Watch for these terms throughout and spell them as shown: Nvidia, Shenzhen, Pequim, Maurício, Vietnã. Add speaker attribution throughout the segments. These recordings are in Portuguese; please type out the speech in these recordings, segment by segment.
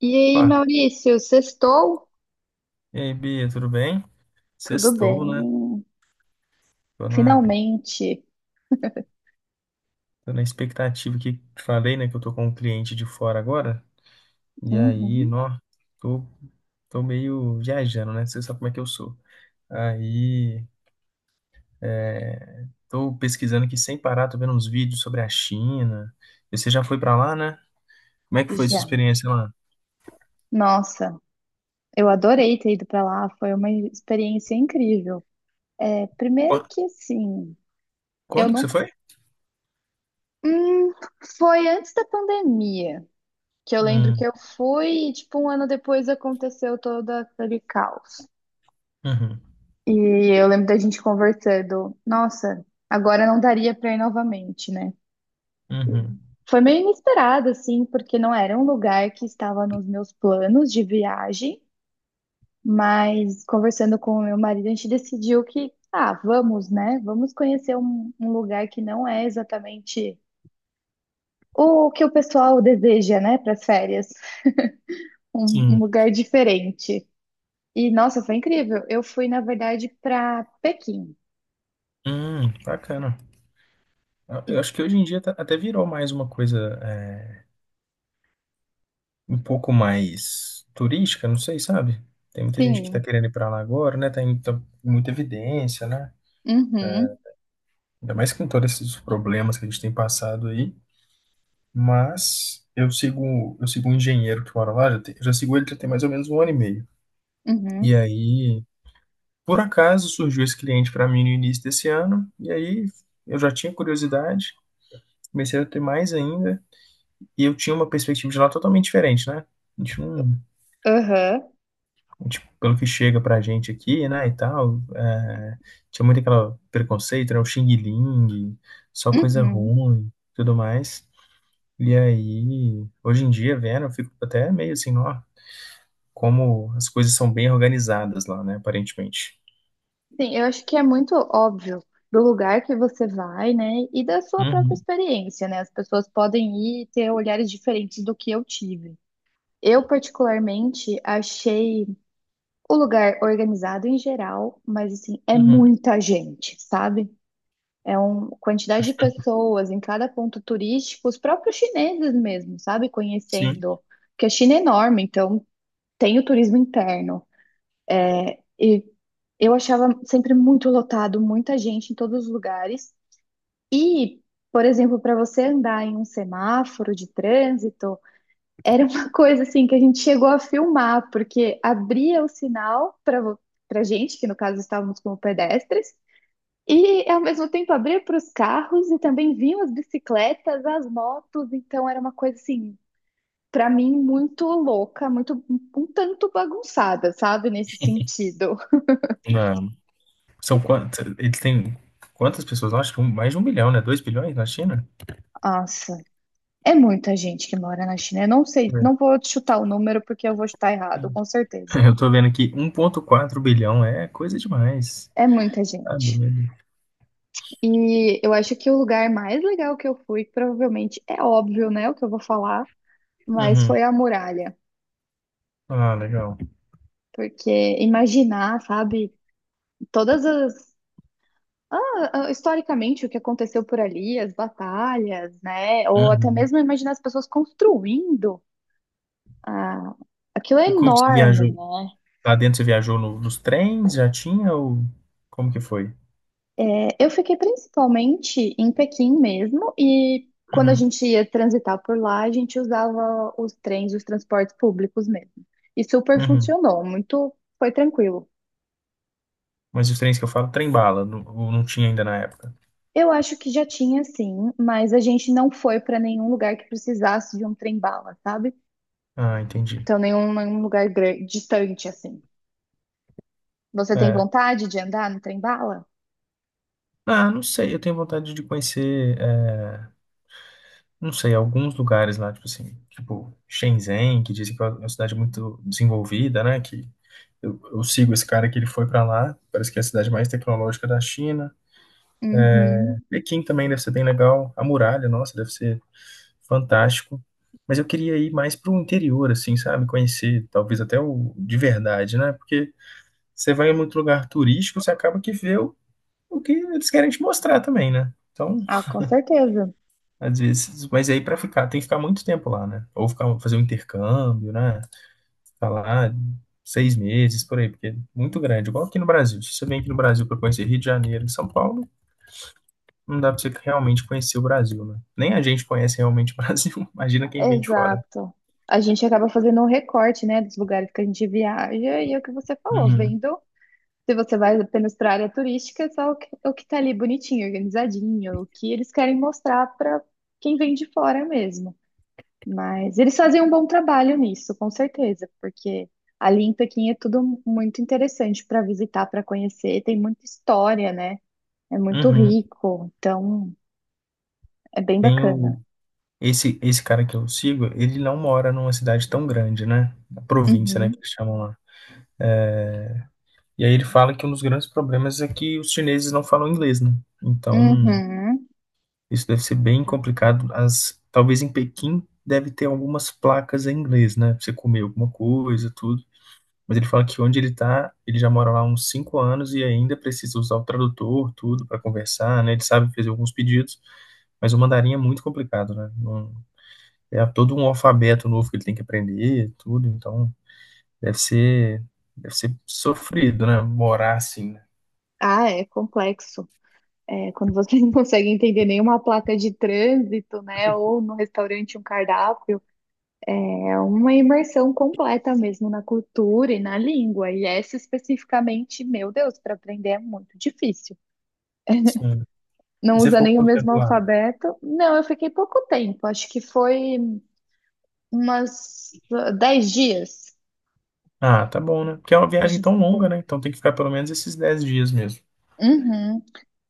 Speaker 1: E aí,
Speaker 2: Opa,
Speaker 1: Maurício, sextou?
Speaker 2: e aí, Bia, tudo bem?
Speaker 1: Tudo
Speaker 2: Sextou, né?
Speaker 1: bem,
Speaker 2: Tô na,
Speaker 1: finalmente.
Speaker 2: tô na expectativa que falei, né, que eu tô com um cliente de fora agora. E aí,
Speaker 1: Uhum,
Speaker 2: nó, tô, tô meio viajando, né? Você sabe como é que eu sou. Aí, é, tô pesquisando aqui sem parar, tô vendo uns vídeos sobre a China. E você já foi pra lá, né? Como é que foi sua
Speaker 1: já.
Speaker 2: experiência lá?
Speaker 1: Nossa, eu adorei ter ido pra lá, foi uma experiência incrível. É, primeiro
Speaker 2: Qua-
Speaker 1: que assim, eu
Speaker 2: Quando que você
Speaker 1: nunca.
Speaker 2: foi?
Speaker 1: Hum, foi antes da pandemia, que eu lembro que
Speaker 2: Hum,
Speaker 1: eu fui e, tipo, um ano depois aconteceu todo aquele caos.
Speaker 2: uhum,
Speaker 1: E eu lembro da gente conversando, nossa, agora não daria pra ir novamente, né?
Speaker 2: uhum.
Speaker 1: Foi meio inesperado, assim, porque não era um lugar que estava nos meus planos de viagem, mas conversando com o meu marido, a gente decidiu que, ah, vamos, né? Vamos conhecer um lugar que não é exatamente o que o pessoal deseja, né, para as férias, um
Speaker 2: Sim.
Speaker 1: lugar diferente. E, nossa, foi incrível. Eu fui, na verdade, para Pequim.
Speaker 2: Bacana. Eu
Speaker 1: E,
Speaker 2: eu acho que hoje em dia até virou mais uma coisa. É, um pouco mais turística, não sei, sabe? Tem muita gente que tá
Speaker 1: sim,
Speaker 2: querendo ir pra lá agora, né? Tem muita evidência, né?
Speaker 1: uhum,
Speaker 2: Ainda mais com todos esses problemas que a gente tem passado aí. Mas eu sigo um engenheiro que mora lá, já, já sigo ele já tem mais ou menos 1 ano e meio. E
Speaker 1: uhum,
Speaker 2: aí, por acaso, surgiu esse cliente para mim no início desse ano, e aí eu já tinha curiosidade, comecei a ter mais ainda, e eu tinha uma perspectiva de lá totalmente diferente, né? A gente não,
Speaker 1: aham,
Speaker 2: tipo, pelo que chega pra gente aqui, né, e tal, é, tinha muito aquele preconceito, né, o Xing Ling, só coisa
Speaker 1: uhum.
Speaker 2: ruim, tudo mais. E aí, hoje em dia, vendo, eu fico até meio assim, ó, como as coisas são bem organizadas lá, né, aparentemente.
Speaker 1: Sim, eu acho que é muito óbvio do lugar que você vai, né? E da sua própria
Speaker 2: Uhum,
Speaker 1: experiência, né? As pessoas podem ir e ter olhares diferentes do que eu tive. Eu, particularmente, achei o lugar organizado em geral, mas assim, é
Speaker 2: uhum,
Speaker 1: muita gente, sabe? É uma quantidade de pessoas em cada ponto turístico, os próprios chineses mesmo, sabe?
Speaker 2: sim.
Speaker 1: Conhecendo, porque a China é enorme, então tem o turismo interno. E eu achava sempre muito lotado, muita gente em todos os lugares. E, por exemplo, para você andar em um semáforo de trânsito, era uma coisa assim que a gente chegou a filmar, porque abria o sinal para gente, que no caso estávamos como pedestres, e ao mesmo tempo abria para os carros e também vinham as bicicletas, as motos. Então era uma coisa assim, para mim, muito louca, muito um tanto bagunçada, sabe, nesse sentido.
Speaker 2: Na- São quantas, eles têm quantas pessoas lá? Acho que mais de 1 bilhão, né, 2 bilhões na China?
Speaker 1: Nossa. É muita gente que mora na China. Eu não sei,
Speaker 2: Deixa
Speaker 1: não vou chutar o número porque eu vou chutar
Speaker 2: eu
Speaker 1: errado,
Speaker 2: ver.
Speaker 1: com certeza.
Speaker 2: Eu tô vendo aqui, 1.4 bilhão, é coisa demais.
Speaker 1: É muita
Speaker 2: Tá
Speaker 1: gente.
Speaker 2: doido.
Speaker 1: E eu acho que o lugar mais legal que eu fui, provavelmente é óbvio, né, o que eu vou falar, mas
Speaker 2: Uhum.
Speaker 1: foi a muralha.
Speaker 2: Ah, legal.
Speaker 1: Porque imaginar, sabe, todas as. Historicamente, o que aconteceu por ali, as batalhas, né? Ou até
Speaker 2: Uhum.
Speaker 1: mesmo imaginar as pessoas construindo. ah, aquilo é
Speaker 2: E como que você
Speaker 1: enorme,
Speaker 2: viajou?
Speaker 1: né?
Speaker 2: Lá dentro você viajou nos trens? Já tinha ou como que foi?
Speaker 1: É, eu fiquei principalmente em Pequim mesmo, e quando a
Speaker 2: Uhum.
Speaker 1: gente ia transitar por lá, a gente usava os trens, os transportes públicos mesmo. E super
Speaker 2: Uhum.
Speaker 1: funcionou, muito, foi tranquilo.
Speaker 2: Mas os trens que eu falo, trem bala, não, ou não tinha ainda na época.
Speaker 1: Eu acho que já tinha sim, mas a gente não foi para nenhum lugar que precisasse de um trem-bala, sabe?
Speaker 2: Ah, entendi.
Speaker 1: Então, nenhum lugar gran- distante assim. Você tem
Speaker 2: É.
Speaker 1: vontade de andar no trem-bala?
Speaker 2: Ah, não sei, eu tenho vontade de conhecer, é, não sei, alguns lugares lá, tipo assim, tipo Shenzhen, que dizem que é uma cidade muito desenvolvida, né? Que eu sigo esse cara que ele foi pra lá, parece que é a cidade mais tecnológica da China.
Speaker 1: Uhum.
Speaker 2: Pequim também deve ser bem legal. A muralha, nossa, deve ser fantástico. Mas eu queria ir mais para o interior, assim, sabe? Conhecer, talvez até o de verdade, né? Porque você vai em muito lugar turístico, você acaba que vê o que eles querem te mostrar também, né? Então,
Speaker 1: Ah, com certeza.
Speaker 2: às vezes, mas aí para ficar, tem que ficar muito tempo lá, né? Ou ficar, fazer um intercâmbio, né? Ficar lá 6 meses, por aí, porque é muito grande. Igual aqui no Brasil. Se você vem aqui no Brasil para conhecer Rio de Janeiro e São Paulo, não dá pra você realmente conhecer o Brasil, né? Nem a gente conhece realmente o Brasil. Imagina quem vem de fora.
Speaker 1: Exato. A gente acaba fazendo um recorte, né, dos lugares que a gente viaja e é o que você falou,
Speaker 2: Uhum.
Speaker 1: vendo se você vai apenas para a área turística, é só o que tá ali bonitinho, organizadinho, o que eles querem mostrar para quem vem de fora mesmo. Mas eles fazem um bom trabalho nisso, com certeza, porque ali em Pequim é tudo muito interessante para visitar, para conhecer, tem muita história, né? É muito
Speaker 2: Uhum.
Speaker 1: rico, então é bem
Speaker 2: Tem o...
Speaker 1: bacana.
Speaker 2: Esse cara que eu sigo, ele não mora numa cidade tão grande, né? Na província, né,
Speaker 1: Uhum.
Speaker 2: que eles chamam lá. E aí ele fala que um dos grandes problemas é que os chineses não falam inglês, né? Então,
Speaker 1: Uhum.
Speaker 2: isso deve ser bem complicado. As, talvez em Pequim deve ter algumas placas em inglês, né? Pra você comer alguma coisa, tudo. Mas ele fala que onde ele tá, ele já mora lá há uns 5 anos e ainda precisa usar o tradutor, tudo, para conversar, né? Ele sabe fazer alguns pedidos, mas o mandarim é muito complicado, né? É todo um alfabeto novo que ele tem que aprender, tudo, então deve ser, deve ser sofrido, né? Morar assim, né?
Speaker 1: Ah, é complexo. É, quando você não consegue entender nenhuma placa de trânsito, né? Ou no restaurante um cardápio, é uma imersão completa mesmo na cultura e na língua. E essa especificamente, meu Deus, para aprender é muito difícil.
Speaker 2: Sim.
Speaker 1: Não
Speaker 2: E você
Speaker 1: usa
Speaker 2: ficou
Speaker 1: nem o
Speaker 2: quanto
Speaker 1: mesmo
Speaker 2: tempo lá?
Speaker 1: alfabeto. Não, eu fiquei pouco tempo, acho que foi umas 10 dias
Speaker 2: Ah, tá bom, né? Porque é uma
Speaker 1: que a
Speaker 2: viagem
Speaker 1: gente
Speaker 2: tão longa,
Speaker 1: ficou.
Speaker 2: né? Então tem que ficar pelo menos esses 10 dias mesmo.
Speaker 1: Uhum.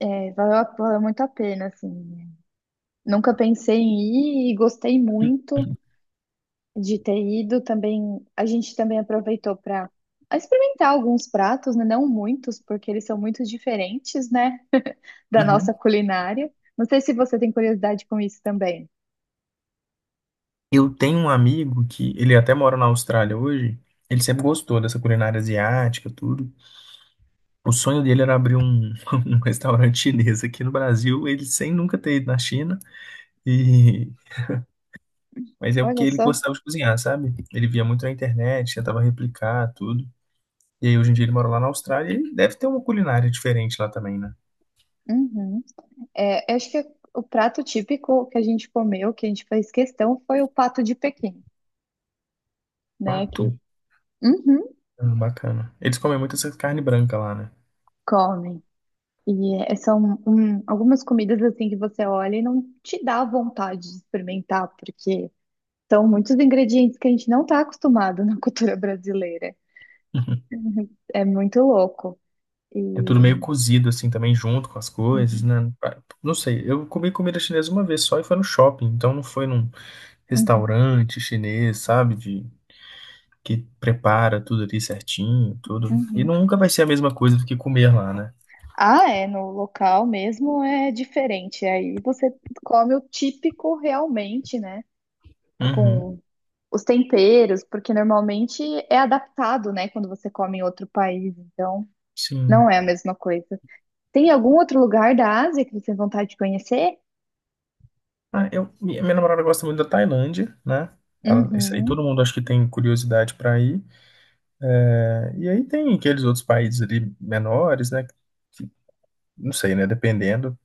Speaker 1: É, valeu muito a pena, assim. Nunca pensei em ir e gostei muito. De ter ido também, a gente também aproveitou para experimentar alguns pratos, né? Não muitos, porque eles são muito diferentes, né, da
Speaker 2: Uhum.
Speaker 1: nossa culinária. Não sei se você tem curiosidade com isso também.
Speaker 2: Eu tenho um amigo que ele até mora na Austrália hoje. Ele sempre gostou dessa culinária asiática, tudo. O sonho dele era abrir um restaurante chinês aqui no Brasil, ele sem nunca ter ido na China, e mas é porque
Speaker 1: Olha
Speaker 2: ele
Speaker 1: só.
Speaker 2: gostava de cozinhar, sabe? Ele via muito na internet, tentava replicar tudo. E aí hoje em dia ele mora lá na Austrália e deve ter uma culinária diferente lá também, né?
Speaker 1: Uhum. É, eu acho que o prato típico que a gente comeu, que a gente fez questão, foi o pato de Pequim, né?
Speaker 2: Pato?
Speaker 1: Que Uhum,
Speaker 2: Ah, bacana. Eles comem muito essa carne branca lá, né?
Speaker 1: comem. E é, são um, algumas comidas assim que você olha e não te dá vontade de experimentar, porque são muitos ingredientes que a gente não está acostumado na cultura brasileira. Uhum. É muito louco.
Speaker 2: É tudo meio
Speaker 1: E...
Speaker 2: cozido assim também junto com as coisas,
Speaker 1: uhum,
Speaker 2: né? Não sei, eu comi comida chinesa uma vez só e foi no shopping, então não foi num
Speaker 1: uhum,
Speaker 2: restaurante chinês, sabe? De que prepara tudo ali certinho, tudo. E
Speaker 1: uhum.
Speaker 2: nunca vai ser a mesma coisa do que comer lá, né?
Speaker 1: Ah, é, no local mesmo é diferente. Aí você come o típico realmente, né?
Speaker 2: Uhum,
Speaker 1: Com os temperos, porque normalmente é adaptado, né? Quando você come em outro país. Então,
Speaker 2: sim.
Speaker 1: não é a mesma coisa. Tem algum outro lugar da Ásia que você tem vontade de conhecer?
Speaker 2: Ah, eu, minha namorada gosta muito da Tailândia, né? Ela, isso aí todo
Speaker 1: Uhum,
Speaker 2: mundo acho que tem curiosidade para ir. É, e aí tem aqueles outros países ali menores, né? que- não sei, né? Dependendo.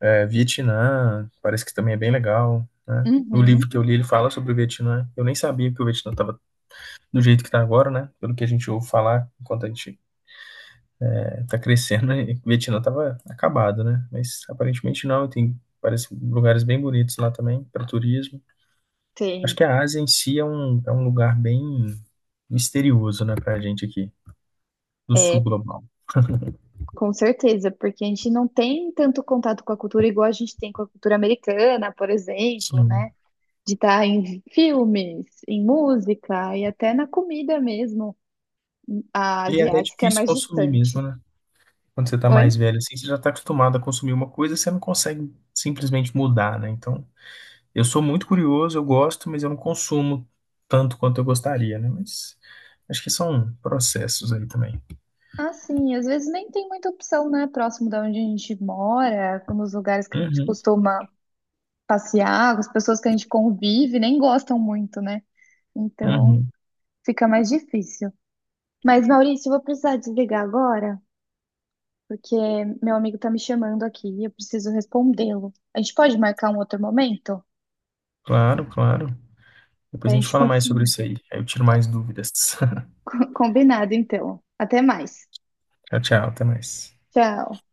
Speaker 2: É, Vietnã, parece que também é bem legal, né? No
Speaker 1: uhum,
Speaker 2: livro que eu li, ele fala sobre o Vietnã. Eu nem sabia que o Vietnã estava do jeito que está agora, né? Pelo que a gente ouve falar enquanto a gente tá crescendo, né? E Vietnã tava acabado, né? Mas aparentemente não, e tem parece lugares bem bonitos lá também para turismo. Acho
Speaker 1: tem.
Speaker 2: que a Ásia em si é é um lugar bem misterioso, né, pra gente aqui, do sul
Speaker 1: É,
Speaker 2: global.
Speaker 1: com certeza, porque a gente não tem tanto contato com a cultura igual a gente tem com a cultura americana, por exemplo,
Speaker 2: Sim.
Speaker 1: né? De estar em filmes, em música e até na comida mesmo. A
Speaker 2: E é até
Speaker 1: asiática é
Speaker 2: difícil
Speaker 1: mais
Speaker 2: consumir mesmo,
Speaker 1: distante.
Speaker 2: né? Quando você tá
Speaker 1: Oi?
Speaker 2: mais velho assim, você já tá acostumado a consumir uma coisa, você não consegue simplesmente mudar, né? Então, eu sou muito curioso, eu gosto, mas eu não consumo tanto quanto eu gostaria, né? Mas acho que são processos aí também.
Speaker 1: Ah, sim, às vezes nem tem muita opção, né? Próximo da onde a gente mora, como os lugares que a gente
Speaker 2: Uhum,
Speaker 1: costuma passear, as pessoas que a gente convive nem gostam muito, né? Então
Speaker 2: uhum.
Speaker 1: fica mais difícil. Mas, Maurício, eu vou precisar desligar agora. Porque meu amigo tá me chamando aqui e eu preciso respondê-lo. A gente pode marcar um outro momento?
Speaker 2: Claro, claro. Depois
Speaker 1: A
Speaker 2: a gente
Speaker 1: gente
Speaker 2: fala mais sobre
Speaker 1: continua
Speaker 2: isso aí. Aí eu tiro mais dúvidas.
Speaker 1: combinado, então. Até mais.
Speaker 2: Tchau, tchau. Até mais.
Speaker 1: Tchau.